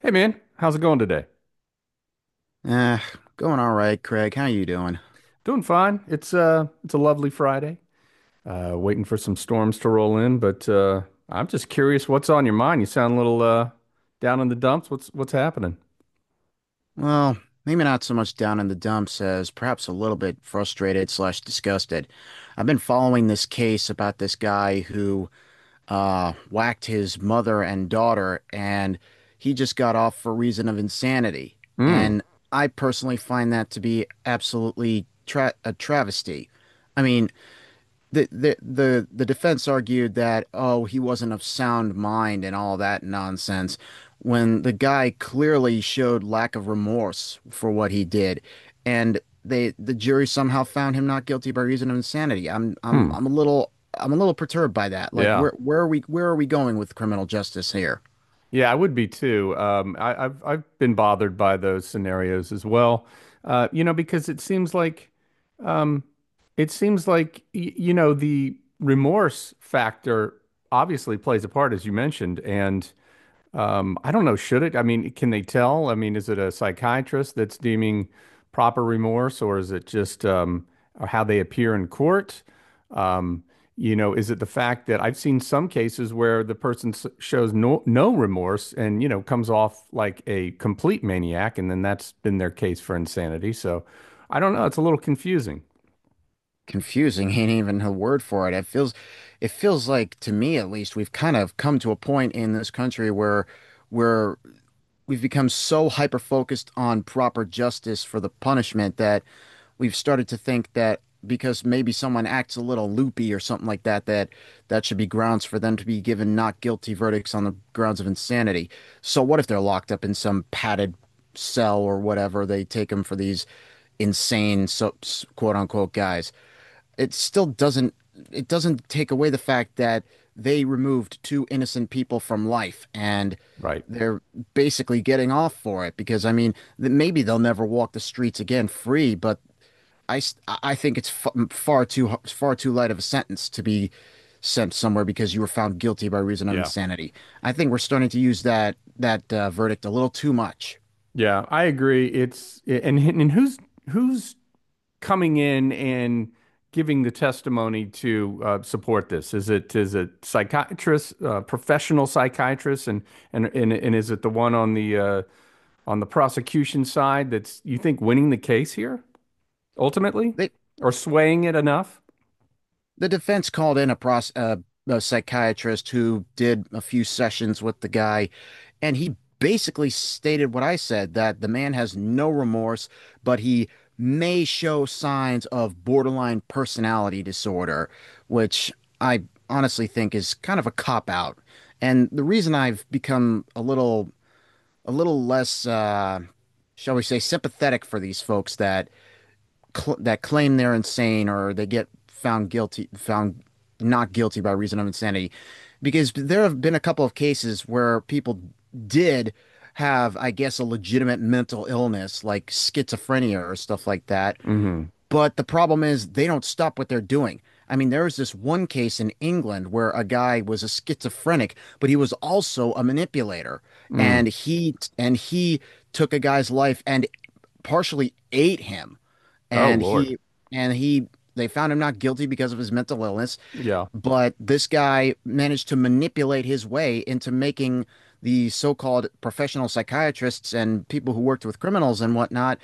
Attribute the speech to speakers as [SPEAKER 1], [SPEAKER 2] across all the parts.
[SPEAKER 1] Hey man, how's it going today?
[SPEAKER 2] Eh, Going all right, Craig. How you doing?
[SPEAKER 1] Doing fine. It's a lovely Friday. Waiting for some storms to roll in, but I'm just curious what's on your mind. You sound a little down in the dumps. What's happening?
[SPEAKER 2] Well, maybe not so much down in the dumps as perhaps a little bit frustrated slash disgusted. I've been following this case about this guy who whacked his mother and daughter, and he just got off for reason of insanity.
[SPEAKER 1] Hmm.
[SPEAKER 2] And I personally find that to be absolutely tra a travesty. I mean, the defense argued that he wasn't of sound mind and all that nonsense when the guy clearly showed lack of remorse for what he did, and the jury somehow found him not guilty by reason of insanity. I'm I'm
[SPEAKER 1] Hmm.
[SPEAKER 2] I'm a little I'm a little perturbed by that. Like,
[SPEAKER 1] Yeah.
[SPEAKER 2] where are we going with criminal justice here?
[SPEAKER 1] Yeah, I would be too. I've I've been bothered by those scenarios as well. You know, because um it seems like y you know the remorse factor obviously plays a part as you mentioned and I don't know, should it? I mean, can they tell? I mean, is it a psychiatrist that's deeming proper remorse, or is it just how they appear in court? Um, you know, is it the fact that I've seen some cases where the person shows no remorse and, you know, comes off like a complete maniac, and then that's been their case for insanity. So I don't know. It's a little confusing,
[SPEAKER 2] Confusing ain't even a word for it. It feels, it feels like to me, at least, we've kind of come to a point in this country where we're we've become so hyper focused on proper justice for the punishment that we've started to think that because maybe someone acts a little loopy or something like that, that should be grounds for them to be given not guilty verdicts on the grounds of insanity. So what if they're locked up in some padded cell or whatever? They take them for these insane, quote unquote, guys. It still doesn't, it doesn't take away the fact that they removed two innocent people from life, and
[SPEAKER 1] right?
[SPEAKER 2] they're basically getting off for it. Because I mean, maybe they'll never walk the streets again free, but I think it's far too light of a sentence to be sent somewhere because you were found guilty by reason of
[SPEAKER 1] Yeah.
[SPEAKER 2] insanity. I think we're starting to use that verdict a little too much.
[SPEAKER 1] Yeah, I agree. It's and who's coming in and giving the testimony to support this? Is it psychiatrists, professional psychiatrists, and and is it the one on the prosecution side that's you think winning the case here ultimately,
[SPEAKER 2] They
[SPEAKER 1] or swaying it enough?
[SPEAKER 2] the defense called in a, a psychiatrist who did a few sessions with the guy, and he basically stated what I said, that the man has no remorse, but he may show signs of borderline personality disorder, which I honestly think is kind of a cop out. And the reason I've become a little less shall we say sympathetic for these folks that cl that claim they're insane, or they get found guilty, found not guilty by reason of insanity, because there have been a couple of cases where people did have, I guess, a legitimate mental illness like schizophrenia or stuff like that.
[SPEAKER 1] Hmm.
[SPEAKER 2] But the problem is they don't stop what they're doing. I mean, there was this one case in England where a guy was a schizophrenic, but he was also a manipulator,
[SPEAKER 1] Mm.
[SPEAKER 2] and he took a guy's life and partially ate him,
[SPEAKER 1] Oh
[SPEAKER 2] and
[SPEAKER 1] Lord.
[SPEAKER 2] he they found him not guilty because of his mental illness.
[SPEAKER 1] Yeah.
[SPEAKER 2] But this guy managed to manipulate his way into making the so-called professional psychiatrists and people who worked with criminals and whatnot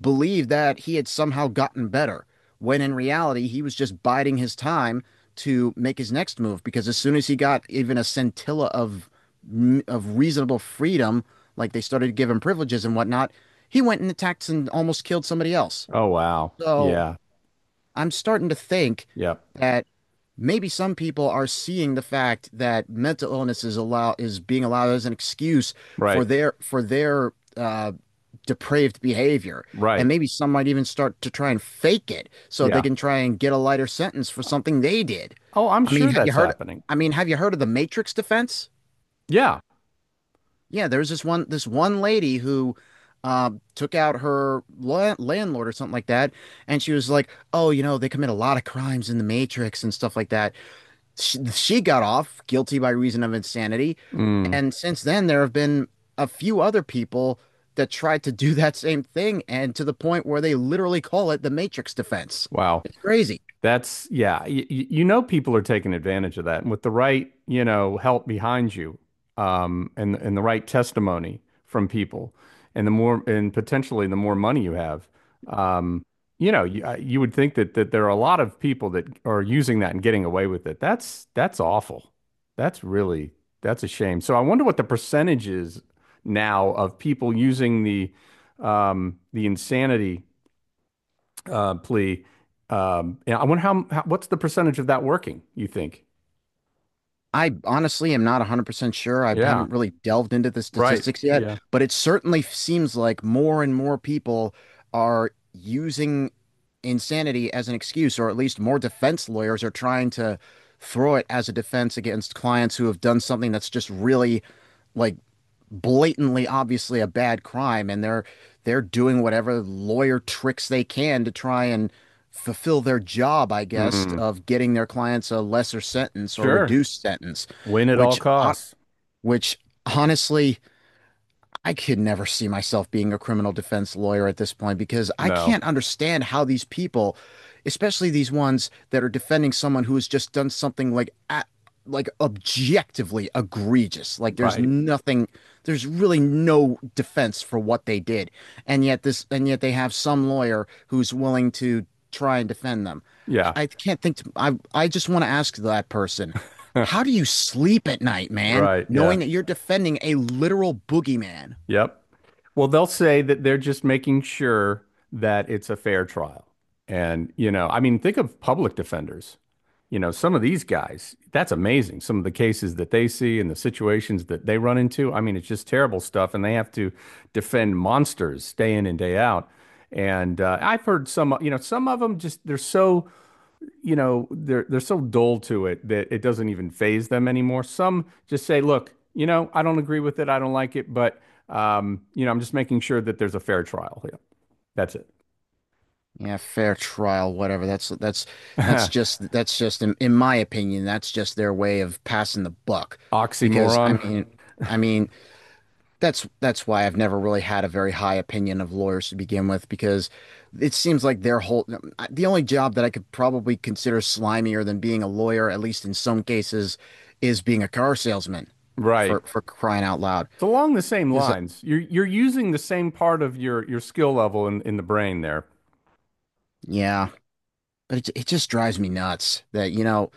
[SPEAKER 2] believe that he had somehow gotten better, when in reality he was just biding his time to make his next move, because as soon as he got even a scintilla of reasonable freedom, like they started to give him privileges and whatnot, he went and attacked and almost killed somebody else.
[SPEAKER 1] Oh wow.
[SPEAKER 2] So
[SPEAKER 1] Yeah.
[SPEAKER 2] I'm starting to think
[SPEAKER 1] Yep.
[SPEAKER 2] that maybe some people are seeing the fact that mental illness is being allowed as an excuse for
[SPEAKER 1] Right.
[SPEAKER 2] their depraved behavior, and
[SPEAKER 1] Right.
[SPEAKER 2] maybe some might even start to try and fake it so they
[SPEAKER 1] Yeah.
[SPEAKER 2] can try and get a lighter sentence for something they did.
[SPEAKER 1] Oh, I'm
[SPEAKER 2] I mean,
[SPEAKER 1] sure
[SPEAKER 2] have you
[SPEAKER 1] that's
[SPEAKER 2] heard?
[SPEAKER 1] happening.
[SPEAKER 2] I mean, have you heard of the Matrix defense?
[SPEAKER 1] Yeah.
[SPEAKER 2] Yeah, there was this one lady who took out her la landlord or something like that, and she was like, "Oh, you know, they commit a lot of crimes in the Matrix and stuff like that." She got off guilty by reason of insanity,
[SPEAKER 1] Mm.
[SPEAKER 2] and since then there have been a few other people that tried to do that same thing, and to the point where they literally call it the Matrix defense.
[SPEAKER 1] Wow.
[SPEAKER 2] It's crazy.
[SPEAKER 1] That's yeah, you know people are taking advantage of that. And with the right, you know, help behind you, and the right testimony from people, and the more and potentially the more money you have, um, you know, you would think that there are a lot of people that are using that and getting away with it. That's awful. That's really that's a shame. So I wonder what the percentage is now of people using the insanity plea. Yeah, I wonder how what's the percentage of that working, you think?
[SPEAKER 2] I honestly am not 100% sure. I
[SPEAKER 1] Yeah,
[SPEAKER 2] haven't really delved into the
[SPEAKER 1] right.
[SPEAKER 2] statistics yet,
[SPEAKER 1] Yeah.
[SPEAKER 2] but it certainly seems like more and more people are using insanity as an excuse, or at least more defense lawyers are trying to throw it as a defense against clients who have done something that's just really, like, blatantly obviously a bad crime, and they're doing whatever lawyer tricks they can to try and fulfill their job, I guess,
[SPEAKER 1] Mm,
[SPEAKER 2] of getting their clients a lesser sentence or
[SPEAKER 1] sure.
[SPEAKER 2] reduced sentence.
[SPEAKER 1] Win at all
[SPEAKER 2] which
[SPEAKER 1] costs.
[SPEAKER 2] which honestly, I could never see myself being a criminal defense lawyer at this point, because I
[SPEAKER 1] No,
[SPEAKER 2] can't understand how these people, especially these ones that are defending someone who has just done something like a like objectively egregious. Like there's
[SPEAKER 1] right.
[SPEAKER 2] nothing, there's really no defense for what they did. And yet they have some lawyer who's willing to try and defend them.
[SPEAKER 1] Yeah.
[SPEAKER 2] I can't think to, I just want to ask that person, how do you sleep at night, man,
[SPEAKER 1] Right. Yeah.
[SPEAKER 2] knowing that you're defending a literal boogeyman?
[SPEAKER 1] Yep. Well, they'll say that they're just making sure that it's a fair trial. And, you know, I mean, think of public defenders. You know, some of these guys, that's amazing. Some of the cases that they see and the situations that they run into. I mean, it's just terrible stuff. And they have to defend monsters day in and day out. And I've heard some, you know, some of them just, they're so you know, they're so dull to it that it doesn't even phase them anymore. Some just say, look, you know, I don't agree with it, I don't like it, but you know, I'm just making sure that there's a fair trial. Yeah, that's it.
[SPEAKER 2] Yeah, fair trial, whatever. That's that's that's just that's just in my opinion, that's just their way of passing the buck. Because
[SPEAKER 1] Oxymoron.
[SPEAKER 2] I mean, that's why I've never really had a very high opinion of lawyers to begin with, because it seems like the only job that I could probably consider slimier than being a lawyer, at least in some cases, is being a car salesman,
[SPEAKER 1] Right.
[SPEAKER 2] for crying out loud.
[SPEAKER 1] It's along the same
[SPEAKER 2] Because
[SPEAKER 1] lines. You're using the same part of your skill level in the brain there.
[SPEAKER 2] yeah, but it just drives me nuts, that you know.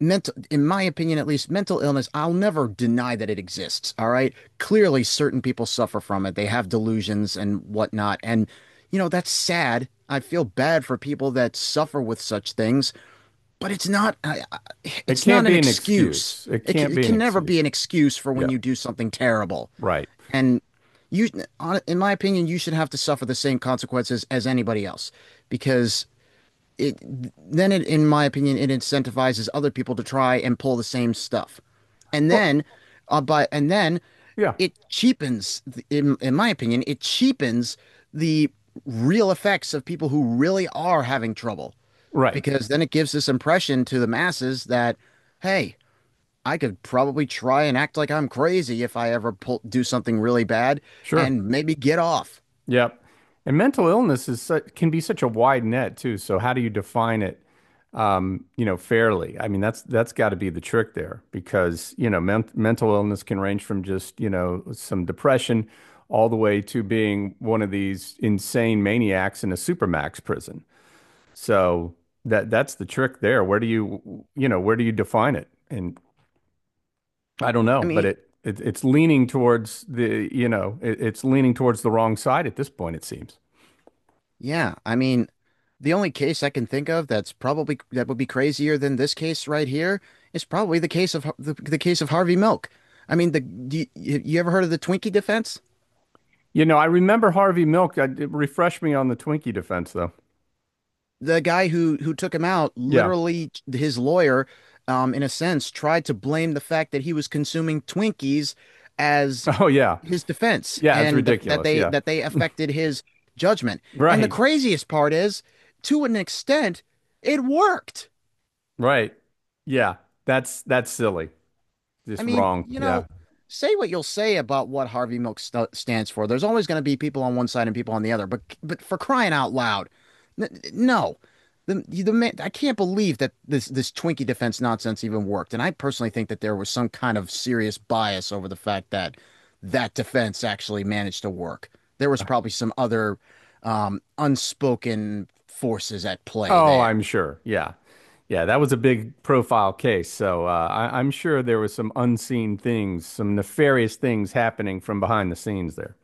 [SPEAKER 2] Mental, in my opinion, at least, mental illness, I'll never deny that it exists, all right? Clearly certain people suffer from it, they have delusions and whatnot, and you know, that's sad. I feel bad for people that suffer with such things, but it's not, I- I-
[SPEAKER 1] It
[SPEAKER 2] it's
[SPEAKER 1] can't
[SPEAKER 2] not an
[SPEAKER 1] be an
[SPEAKER 2] excuse.
[SPEAKER 1] excuse. It
[SPEAKER 2] it can,
[SPEAKER 1] can't
[SPEAKER 2] it
[SPEAKER 1] be an
[SPEAKER 2] can never be
[SPEAKER 1] excuse.
[SPEAKER 2] an excuse for when
[SPEAKER 1] Yeah.
[SPEAKER 2] you do something terrible,
[SPEAKER 1] Right.
[SPEAKER 2] and you in my opinion, you should have to suffer the same consequences as anybody else, because it in my opinion, it incentivizes other people to try and pull the same stuff, and
[SPEAKER 1] Well,
[SPEAKER 2] then, uh, but and then,
[SPEAKER 1] yeah.
[SPEAKER 2] it cheapens, in my opinion, it cheapens the real effects of people who really are having trouble,
[SPEAKER 1] Right.
[SPEAKER 2] because then it gives this impression to the masses that, hey, I could probably try and act like I'm crazy if I ever do something really bad
[SPEAKER 1] Sure.
[SPEAKER 2] and maybe get off.
[SPEAKER 1] Yep. And mental illness is su can be such a wide net too. So how do you define it, you know, fairly? I mean, that's got to be the trick there because, you know, mental illness can range from just, you know, some depression all the way to being one of these insane maniacs in a supermax prison. So that that's the trick there. Where do you, you know, where do you define it? And I don't
[SPEAKER 2] I
[SPEAKER 1] know, but
[SPEAKER 2] mean,
[SPEAKER 1] it it's leaning towards the, you know, it, it's leaning towards the wrong side at this point, it seems.
[SPEAKER 2] yeah, I mean, the only case I can think of that's probably, that would be crazier than this case right here, is probably the case of the case of Harvey Milk. I mean, the do you, you ever heard of the Twinkie defense?
[SPEAKER 1] You know, I remember Harvey Milk. I, it refreshed me on the Twinkie defense, though.
[SPEAKER 2] The guy who took him out,
[SPEAKER 1] Yeah.
[SPEAKER 2] literally his lawyer, in a sense, tried to blame the fact that he was consuming Twinkies as
[SPEAKER 1] Oh, yeah.
[SPEAKER 2] his defense,
[SPEAKER 1] Yeah, it's
[SPEAKER 2] and that
[SPEAKER 1] ridiculous.
[SPEAKER 2] they
[SPEAKER 1] Yeah.
[SPEAKER 2] that they affected his judgment. And the
[SPEAKER 1] Right.
[SPEAKER 2] craziest part is, to an extent, it worked.
[SPEAKER 1] Right. Yeah. That's silly.
[SPEAKER 2] I
[SPEAKER 1] Just
[SPEAKER 2] mean,
[SPEAKER 1] wrong.
[SPEAKER 2] you
[SPEAKER 1] Yeah.
[SPEAKER 2] know, say what you'll say about what Harvey Milk st stands for. There's always going to be people on one side and people on the other. But for crying out loud, n- no, the man, I can't believe that this Twinkie defense nonsense even worked. And I personally think that there was some kind of serious bias over the fact that that defense actually managed to work. There was probably some other unspoken forces at play
[SPEAKER 1] Oh,
[SPEAKER 2] there.
[SPEAKER 1] I'm sure. Yeah. Yeah, that was a big profile case. So I'm sure there was some unseen things, some nefarious things happening from behind the scenes there.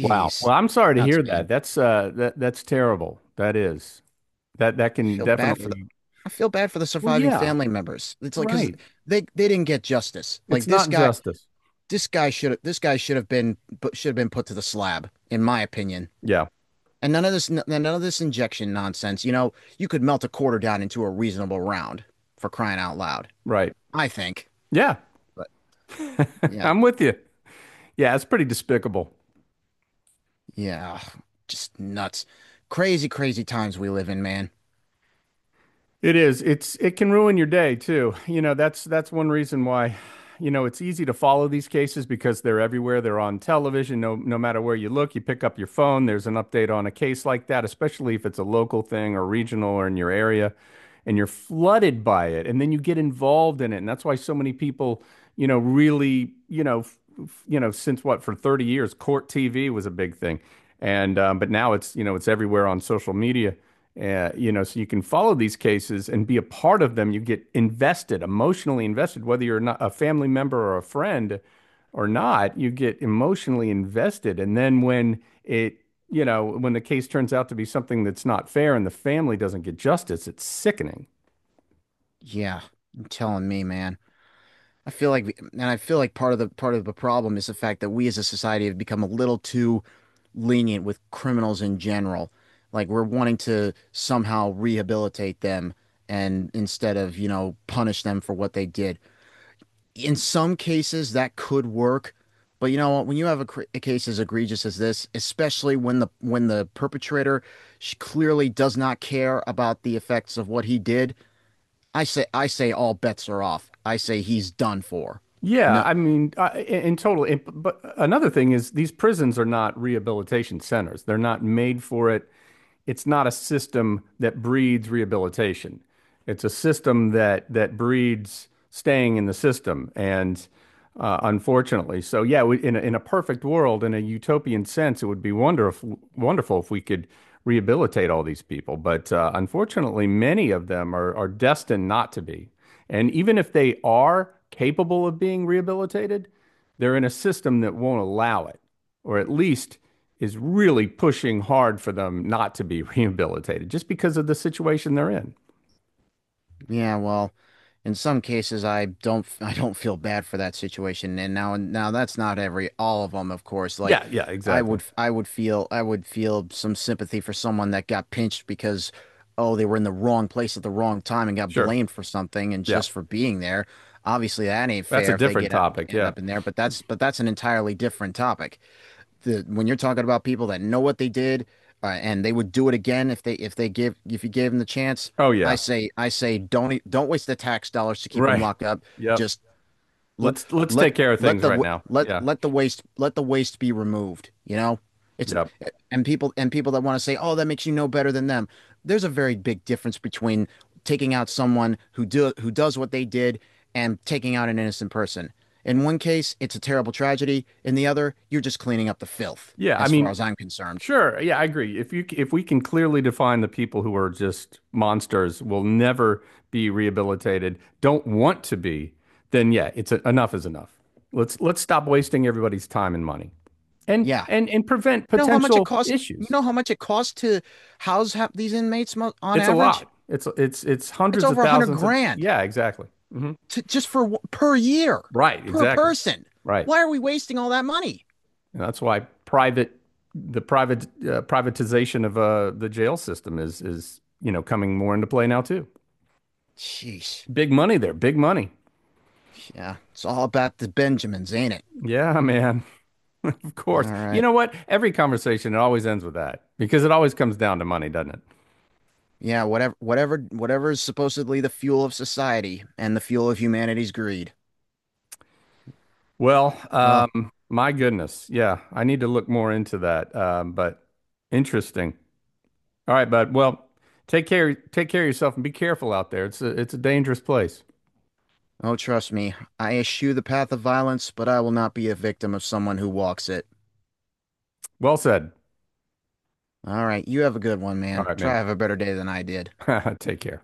[SPEAKER 1] Wow. Well, I'm
[SPEAKER 2] it's
[SPEAKER 1] sorry to
[SPEAKER 2] nuts,
[SPEAKER 1] hear that.
[SPEAKER 2] man.
[SPEAKER 1] That's that that's terrible. That is. That that
[SPEAKER 2] I
[SPEAKER 1] can
[SPEAKER 2] feel bad for
[SPEAKER 1] definitely.
[SPEAKER 2] I feel bad for the
[SPEAKER 1] Well,
[SPEAKER 2] surviving
[SPEAKER 1] yeah.
[SPEAKER 2] family members. It's like, because
[SPEAKER 1] Right.
[SPEAKER 2] they didn't get justice. Like
[SPEAKER 1] It's not justice.
[SPEAKER 2] this guy should have been, should have been put to the slab, in my opinion.
[SPEAKER 1] Yeah,
[SPEAKER 2] And none of this, none of this injection nonsense. You know, you could melt a quarter down into a reasonable round, for crying out loud.
[SPEAKER 1] right.
[SPEAKER 2] I think.
[SPEAKER 1] Yeah,
[SPEAKER 2] But yeah,
[SPEAKER 1] I'm with you. Yeah, it's pretty despicable.
[SPEAKER 2] yeah, just nuts, crazy, crazy times we live in, man.
[SPEAKER 1] It is. It's it can ruin your day too. You know, that's one reason why, you know, it's easy to follow these cases because they're everywhere. They're on television. No matter where you look, you pick up your phone, there's an update on a case like that, especially if it's a local thing or regional or in your area, and you're flooded by it. And then you get involved in it. And that's why so many people, you know, really, you know, you know, since what, for 30 years, court TV was a big thing. And but now it's, you know, it's everywhere on social media. You know, so you can follow these cases and be a part of them. You get invested, emotionally invested, whether you're not a family member or a friend or not, you get emotionally invested. And then when it, you know, when the case turns out to be something that's not fair and the family doesn't get justice, it's sickening.
[SPEAKER 2] Yeah, I'm telling me, man. I feel like, and I feel like part of the problem is the fact that we as a society have become a little too lenient with criminals in general. Like we're wanting to somehow rehabilitate them, and instead of, you know, punish them for what they did. In some cases, that could work, but you know what? When you have a, a case as egregious as this, especially when the perpetrator clearly does not care about the effects of what he did, I say all bets are off. I say he's done for.
[SPEAKER 1] Yeah,
[SPEAKER 2] No,
[SPEAKER 1] I mean, in total. But another thing is these prisons are not rehabilitation centers. They're not made for it. It's not a system that breeds rehabilitation. It's a system that that breeds staying in the system, and unfortunately, so yeah, we, in a perfect world, in a utopian sense, it would be wonderful if we could rehabilitate all these people. But unfortunately, many of them are destined not to be, and even if they are capable of being rehabilitated, they're in a system that won't allow it or at least is really pushing hard for them not to be rehabilitated just because of the situation they're in.
[SPEAKER 2] yeah, well, in some cases, I don't, I don't feel bad for that situation. And now, now that's not every, all of them, of course. Like,
[SPEAKER 1] Yeah, yeah,
[SPEAKER 2] I
[SPEAKER 1] exactly.
[SPEAKER 2] would, I would feel, I would feel some sympathy for someone that got pinched because, oh, they were in the wrong place at the wrong time and got
[SPEAKER 1] Sure.
[SPEAKER 2] blamed for something, and
[SPEAKER 1] Yeah.
[SPEAKER 2] just for being there. Obviously, that ain't
[SPEAKER 1] That's a
[SPEAKER 2] fair if they
[SPEAKER 1] different
[SPEAKER 2] get
[SPEAKER 1] topic.
[SPEAKER 2] end
[SPEAKER 1] Yeah.
[SPEAKER 2] up in there. But that's an entirely different topic. The When you're talking about people that know what they did, and they would do it again if they, if they give if you gave them the chance,
[SPEAKER 1] Oh yeah.
[SPEAKER 2] I say don't don't waste the tax dollars to keep them
[SPEAKER 1] Right.
[SPEAKER 2] locked up.
[SPEAKER 1] Yep.
[SPEAKER 2] Just let
[SPEAKER 1] Let's
[SPEAKER 2] let
[SPEAKER 1] take care of
[SPEAKER 2] let
[SPEAKER 1] things right
[SPEAKER 2] the
[SPEAKER 1] now. Yeah.
[SPEAKER 2] let the waste be removed, you know? It's,
[SPEAKER 1] Yep.
[SPEAKER 2] and people, and people that want to say, "Oh, that makes you no better than them." There's a very big difference between taking out someone who does what they did, and taking out an innocent person. In one case, it's a terrible tragedy. In the other, you're just cleaning up the filth,
[SPEAKER 1] Yeah, I
[SPEAKER 2] as far
[SPEAKER 1] mean,
[SPEAKER 2] as I'm concerned.
[SPEAKER 1] sure. Yeah, I agree. If you if we can clearly define the people who are just monsters will never be rehabilitated, don't want to be, then yeah, it's a, enough is enough. Let's stop wasting everybody's time and money.
[SPEAKER 2] Yeah.
[SPEAKER 1] And prevent
[SPEAKER 2] You know how much it
[SPEAKER 1] potential
[SPEAKER 2] costs? You
[SPEAKER 1] issues.
[SPEAKER 2] know how much it costs to house these inmates on
[SPEAKER 1] It's a
[SPEAKER 2] average?
[SPEAKER 1] lot. It's
[SPEAKER 2] It's
[SPEAKER 1] hundreds of
[SPEAKER 2] over a hundred
[SPEAKER 1] thousands of
[SPEAKER 2] grand.
[SPEAKER 1] yeah, exactly. Hmm.
[SPEAKER 2] To just for, per year,
[SPEAKER 1] Right,
[SPEAKER 2] per
[SPEAKER 1] exactly.
[SPEAKER 2] person.
[SPEAKER 1] Right,
[SPEAKER 2] Why are we wasting all that money?
[SPEAKER 1] and that's why private the private privatization of the jail system is you know coming more into play now too.
[SPEAKER 2] Jeez,
[SPEAKER 1] Big money there, big money.
[SPEAKER 2] yeah, it's all about the Benjamins, ain't it?
[SPEAKER 1] Yeah, man. Of course.
[SPEAKER 2] All
[SPEAKER 1] You
[SPEAKER 2] right,
[SPEAKER 1] know what? Every conversation it always ends with that because it always comes down to money, doesn't it?
[SPEAKER 2] yeah, whatever, whatever, whatever is supposedly the fuel of society and the fuel of humanity's greed.
[SPEAKER 1] Well,
[SPEAKER 2] Well,
[SPEAKER 1] my goodness. Yeah, I need to look more into that. But interesting. All right, bud. Well, take care of yourself and be careful out there. It's a dangerous place.
[SPEAKER 2] oh, trust me, I eschew the path of violence, but I will not be a victim of someone who walks it.
[SPEAKER 1] Well said.
[SPEAKER 2] All right, you have a good one,
[SPEAKER 1] All
[SPEAKER 2] man.
[SPEAKER 1] right,
[SPEAKER 2] Try
[SPEAKER 1] man.
[SPEAKER 2] to have a better day than I did.
[SPEAKER 1] Take care.